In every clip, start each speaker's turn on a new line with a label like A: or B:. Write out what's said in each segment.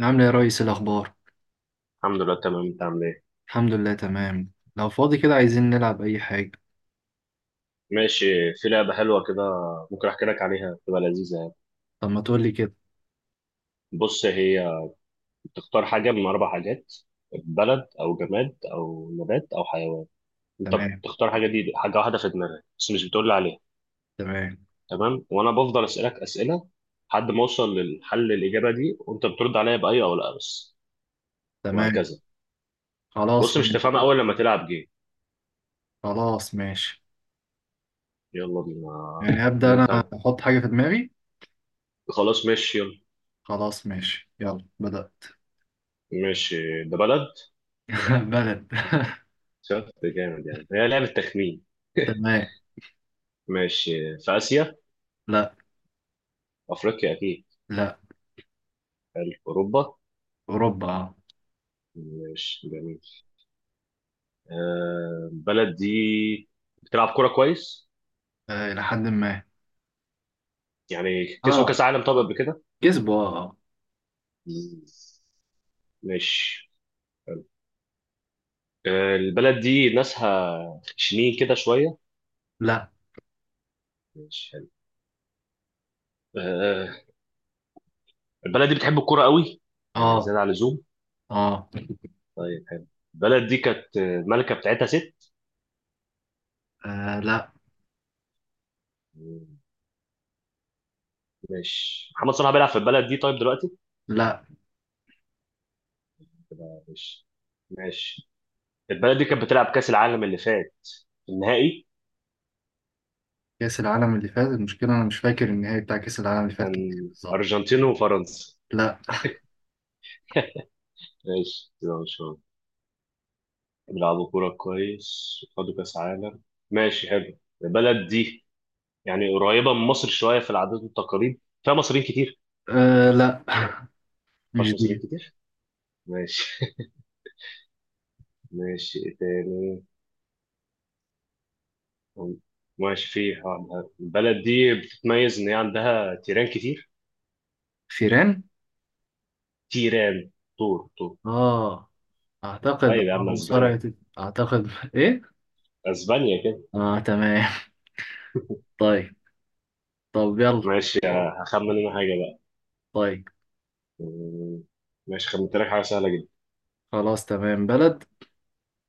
A: عامل ايه يا ريس؟ إيه الاخبار؟
B: الحمد لله تمام، انت عامل ايه؟
A: الحمد لله تمام. لو فاضي كده عايزين نلعب اي حاجه.
B: ماشي. في لعبه حلوه كده. ممكن احكي لك عليها تبقى لذيذه يعني.
A: طب ما تقول لي كده.
B: بص، هي بتختار حاجه من اربع حاجات: بلد او جماد او نبات او حيوان. انت
A: تمام.
B: بتختار حاجه، دي حاجه واحده في دماغك بس مش بتقول لي عليها.
A: تمام.
B: تمام، وانا بفضل اسالك اسئله لحد ما اوصل للحل الاجابه دي، وانت بترد عليا باي او لا بس.
A: تمام.
B: وهكذا. بص،
A: خلاص
B: مش
A: ماشي.
B: تفهمها اول لما تلعب جيم.
A: خلاص ماشي.
B: يلا بينا.
A: يعني ابدا انا
B: انت؟
A: احط حاجه في دماغي.
B: خلاص ماشي يلا.
A: خلاص ماشي يلا بدات.
B: ماشي. ده بلد.
A: بلد.
B: شفت جامد؟ يعني هي لعبه تخمين.
A: تمام.
B: ماشي، في آسيا؟
A: لا.
B: أفريقيا أكيد.
A: لا.
B: حلو، أوروبا.
A: اوروبا اه.
B: ماشي جميل. البلد دي بتلعب كورة كويس.
A: آه، الى حد ما.
B: يعني كسبوا كأس
A: اه
B: عالم طب قبل كده؟
A: كسبوا اه آه.
B: مم، ماشي حلو. البلد دي ناسها خشنين كده شوية.
A: لا.
B: ماشي حلو. آه البلد دي بتحب الكورة قوي. يعني
A: اه.
B: زيادة عن اللزوم.
A: اه.
B: طيب حلو. البلد دي كانت الملكة بتاعتها ست.
A: آه، لا.
B: مم، ماشي. محمد صلاح بيلعب في البلد دي طيب دلوقتي؟
A: لا.
B: ماشي. ماشي. البلد دي كانت بتلعب كأس العالم اللي فات، النهائي؟
A: كاس العالم اللي فات، المشكله انا مش فاكر النهائي بتاع كاس العالم اللي فات كان إيه
B: كان
A: بالظبط.
B: أرجنتين وفرنسا.
A: لا.
B: ماشي كده إن شاء الله. بيلعبوا كورة كويس، خدوا كأس عالم. ماشي حلو. البلد دي يعني قريبة من مصر شوية في العادات والتقاليد، فيها مصريين كتير؟
A: أه لا مش
B: مفيهاش مصريين
A: دي.
B: كتير. ماشي. ماشي، إيه تاني. ماشي، في واحدة. البلد دي بتتميز إن هي عندها تيران كتير.
A: فيران.
B: تيران. طور طور.
A: اه اعتقد
B: طيب يا
A: اه
B: عم،
A: مصارعة.
B: أسبانيا.
A: اعتقد ايه.
B: أسبانيا كده.
A: اه تمام. طيب. طب يلا.
B: ماشي، هخمن أنا حاجة بقى.
A: طيب
B: مم، ماشي، خمنت لك حاجة سهلة جدا.
A: خلاص تمام. بلد.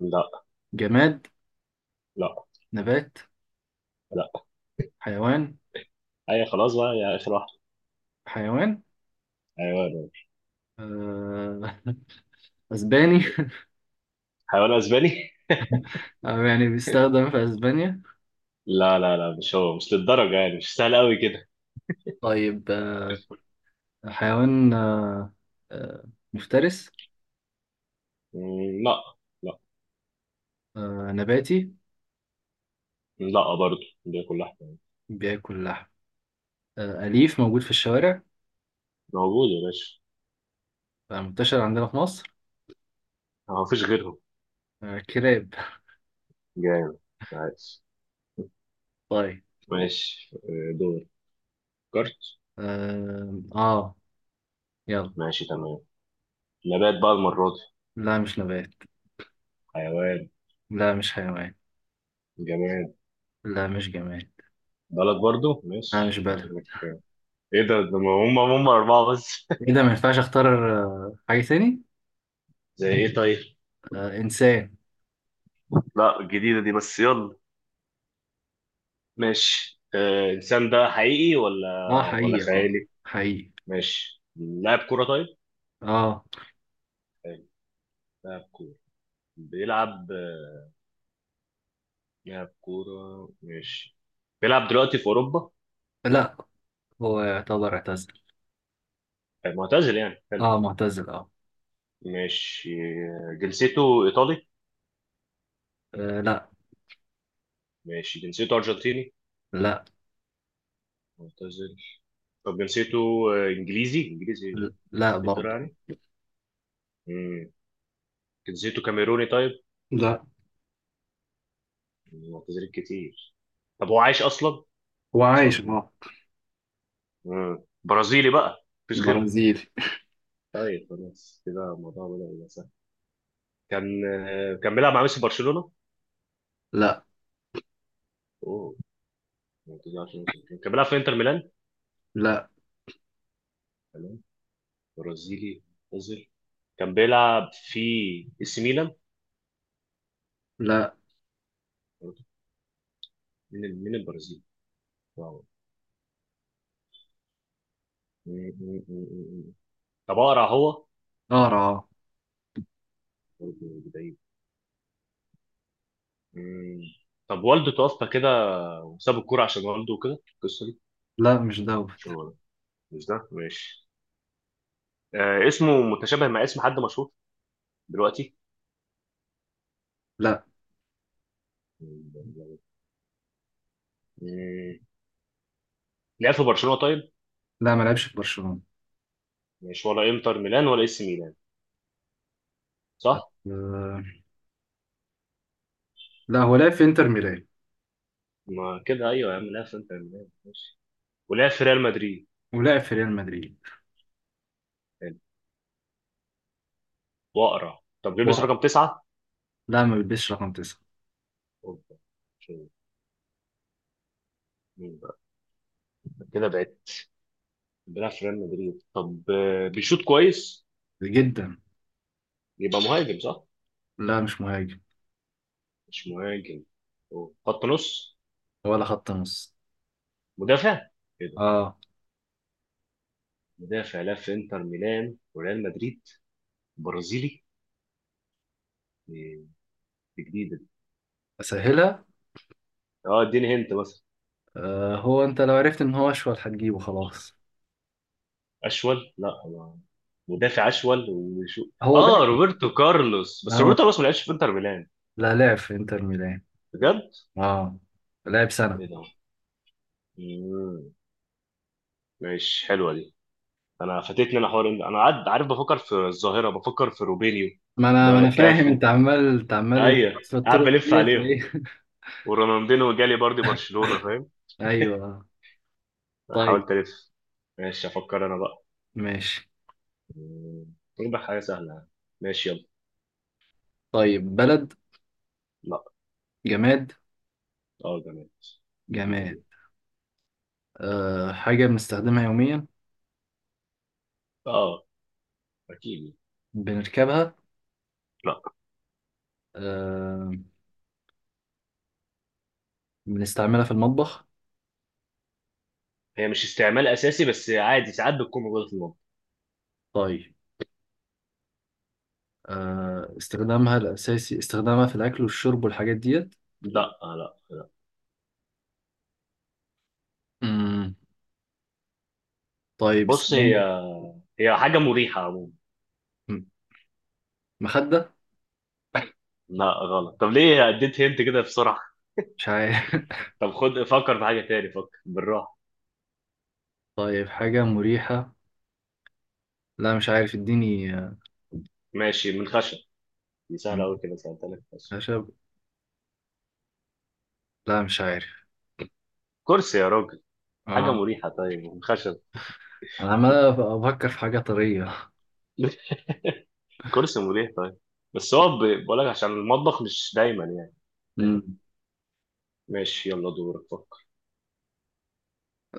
B: لا.
A: جماد.
B: لا.
A: نبات.
B: لا.
A: حيوان.
B: اي خلاص بقى يا اخر واحد.
A: حيوان.
B: حيوان.
A: آه. اسباني.
B: حيوان اسباني.
A: آه يعني بيستخدم في اسبانيا.
B: لا لا لا، مش هو. مش للدرجه يعني، مش سهل قوي كده.
A: طيب آه. حيوان آه. آه. مفترس.
B: لا. لا.
A: آه. نباتي.
B: لا برضه. دي كلها حيوان.
A: بياكل لحم. آه. أليف موجود في الشوارع.
B: موجود يا باشا.
A: آه. منتشر عندنا في مصر.
B: ما فيش غيرهم.
A: آه. كلاب.
B: جامد. عايز.
A: طيب.
B: ماشي دور كارت.
A: آه، آه. يلا.
B: ماشي تمام. نبات بقى المره دي.
A: لا مش نبات.
B: حيوان.
A: لا مش حيوان.
B: جماد.
A: لا مش جماد.
B: بلد برضه،
A: لا مش
B: ماشي
A: بلد.
B: ايه ده هم اربعه بس.
A: إيه ده ما ينفعش أختار. آه، حاجة تاني؟
B: زي ايه طيب؟
A: آه إنسان.
B: لا، الجديده دي بس، يلا. ماشي الإنسان ده حقيقي ولا
A: آه
B: ولا
A: حقيقي آه.
B: خيالي؟
A: حقيقي.
B: ماشي، لاعب كورة طيب؟
A: آه.
B: حلو. لاعب كورة. بيلعب آه، لاعب كورة ماشي. بيلعب دلوقتي في أوروبا؟
A: لا. هو يعتبر اعتزل.
B: معتزل يعني؟ حلو.
A: آه معتزل آه.
B: ماشي جنسيته إيطالي؟
A: آه لا.
B: ماشي، جنسيته أرجنتيني.
A: لا.
B: معتزل. طب جنسيته إنجليزي،
A: لا
B: إنجلترا
A: برضه.
B: يعني. مم. جنسيته كاميروني طيب؟
A: لا.
B: معتزلين كتير. طب هو عايش أصلا؟
A: هو عايش
B: سؤال مهم.
A: اه.
B: برازيلي بقى، مفيش غيره.
A: برازيلي.
B: طيب خلاص كده الموضوع بدأ يبقى سهل. كان بيلعب مع ميسي في برشلونة.
A: لا.
B: اوه. ما تزعلش من ميسي برشلونة. كان بيلعب في انتر ميلان.
A: لا.
B: تمام. برازيلي مصري، كان بيلعب في اي سي ميلان
A: لا.
B: برضه. مين مين البرازيلي؟ واو. م- م- م- م- م. طب اقرا هو.
A: قارة آه.
B: برضه بعيد. م. طب والده توفى كده، وساب الكوره عشان والده وكده القصه دي.
A: لا مش
B: مش
A: دوت.
B: هو ده. مش ده ماشي. آه، اسمه متشابه مع اسم حد مشهور دلوقتي.
A: لا.
B: م. لعب في برشلونة طيب؟
A: لا ما لعبش في برشلونة.
B: مش ولا انتر ميلان ولا اي سي ميلان، صح؟
A: آه. لا هو لعب في انتر ميلان
B: ما كده، ايوه يا عم، لعب في انتر ميلان ماشي، ولعب في ريال مدريد.
A: ولعب في ريال مدريد.
B: حلو. واقرع طب، ليه بس رقم 9؟
A: لا ما بيلبسش رقم تسعة.
B: أوبا. شو- مين بقى؟ كده بعت. بيلعب في ريال مدريد طب، بيشوط كويس.
A: جدا.
B: يبقى مهاجم صح؟
A: لا مش مهاجم.
B: مش مهاجم. أوه. خط نص.
A: ولا خط نص.
B: مدافع كده.
A: اه.
B: مدافع لعب في انتر ميلان وريال مدريد، برازيلي. إيه، دي جديدة دي.
A: اسهلها.
B: اه اديني هنت مثلا.
A: آه هو انت لو عرفت ان هو اشول هتجيبه خلاص.
B: اشول. لا، مدافع اشول وشو.
A: هو
B: اه،
A: باقي.
B: روبرتو كارلوس. بس روبرتو
A: آه.
B: كارلوس ما لعبش في انتر ميلان.
A: لا لعب في انتر ميلان.
B: بجد؟
A: اه لعب سنة.
B: ايه ده. مم. ماشي حلوه دي. انا فاتتني. انا حوار انا قاعد عارف، بفكر في الظاهره، بفكر في روبينيو،
A: ما انا فاهم، انت
B: كافو.
A: عمال انت عمال
B: ايوه.
A: في
B: قاعد
A: الطرق
B: بلف
A: ديت
B: عليهم.
A: وايه.
B: ورونالدينو جالي برضه برشلونه، فاهم.
A: ايوه. طيب.
B: حاولت الف. ماشي افكر انا بقى.
A: ماشي.
B: نجيب حاجه سهله يعني. ماشي يلا.
A: طيب بلد.
B: لا.
A: جماد.
B: اه جميل. جديده دي.
A: جماد. آه حاجة بنستخدمها يوميا.
B: اه. اكيد.
A: بنركبها.
B: لا.
A: آه. بنستعملها في المطبخ.
B: هي مش استعمال اساسي، بس عادي ساعات بتكون موجوده في المطبخ.
A: طيب. آه، استخدامها الأساسي استخدامها في الأكل والشرب والحاجات ديت.
B: لا لا لا.
A: مم. طيب
B: بص هي،
A: استخدام.
B: هي حاجه مريحه عموما.
A: مم. مخدة.
B: لا غلط. طب ليه اديت هنت كده بسرعه؟
A: مش عارف.
B: طب خد، فكر في حاجه تاني. فكر بالراحه.
A: طيب حاجة مريحة. لا مش عارف اديني آه.
B: ماشي، من خشب. دي سهله قوي كده، سالتها لك خشب.
A: خشب. لا مش عارف.
B: كرسي يا راجل. حاجه
A: آه.
B: مريحه طيب من خشب.
A: أنا عمال أفكر في حاجة طرية.
B: كرسي مريح طيب. بقول لك عشان المطبخ مش دايما يعني، فاهم.
A: مم.
B: ماشي يلا، دورك فكر.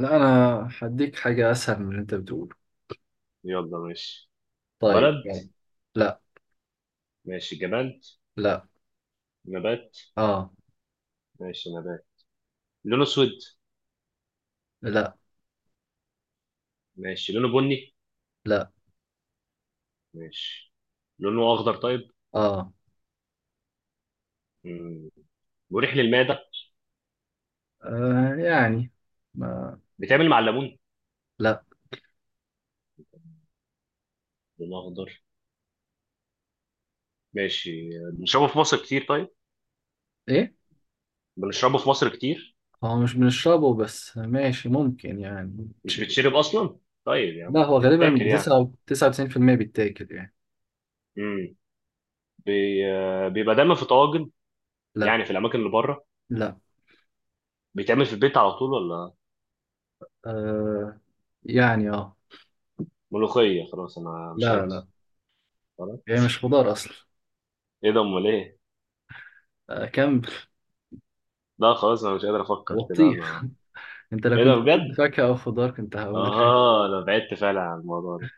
A: لا أنا هديك حاجة أسهل من اللي أنت بتقوله.
B: يلا ماشي.
A: طيب
B: بلد.
A: يعني. لا.
B: ماشي جماد.
A: لا.
B: نبات.
A: آه.
B: ماشي نبات. لونه اسود.
A: لا.
B: ماشي لونه بني.
A: لا.
B: ماشي. لونه اخضر طيب.
A: آه،
B: مم. مريح للمعده.
A: آه. يعني ما.
B: بيتعمل مع الليمون.
A: لا.
B: لونه اخضر. ماشي بنشربه في مصر كتير طيب.
A: إيه.
B: بنشربه في مصر كتير.
A: هو مش بنشربه بس ماشي ممكن يعني
B: مش
A: تش-.
B: بتشرب اصلا. طيب
A: لا
B: يعني
A: هو غالبا
B: بتتاكل يعني.
A: بتسعة 99% بيتاكل يعني.
B: مم. بي... آه، بيبقى دايما في طواجن.
A: لا.
B: يعني في الاماكن اللي بره.
A: لا.
B: بيتعمل في البيت على طول ولا.
A: آه يعني اه
B: ملوخيه خلاص، انا مش
A: لا
B: قادر.
A: لا
B: خلاص.
A: هي مش خضار أصلا.
B: ايه ده، امال ايه.
A: آه كم.
B: لا خلاص، انا مش قادر افكر كده
A: بطيخ.
B: انا.
A: أنت لو
B: ايه ده
A: كنت قلت
B: بجد.
A: فاكهة أو خضار كنت هقول.
B: اه، انا بعدت فعلا عن الموضوع ده.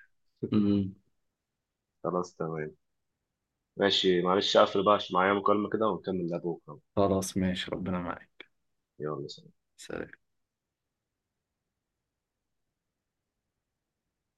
A: أمم،
B: خلاص تمام. ماشي معلش، اقفل بقى عشان معايا مكالمة كده ونكمل لها بكرة.
A: خلاص ماشي ربنا معاك.
B: يلا.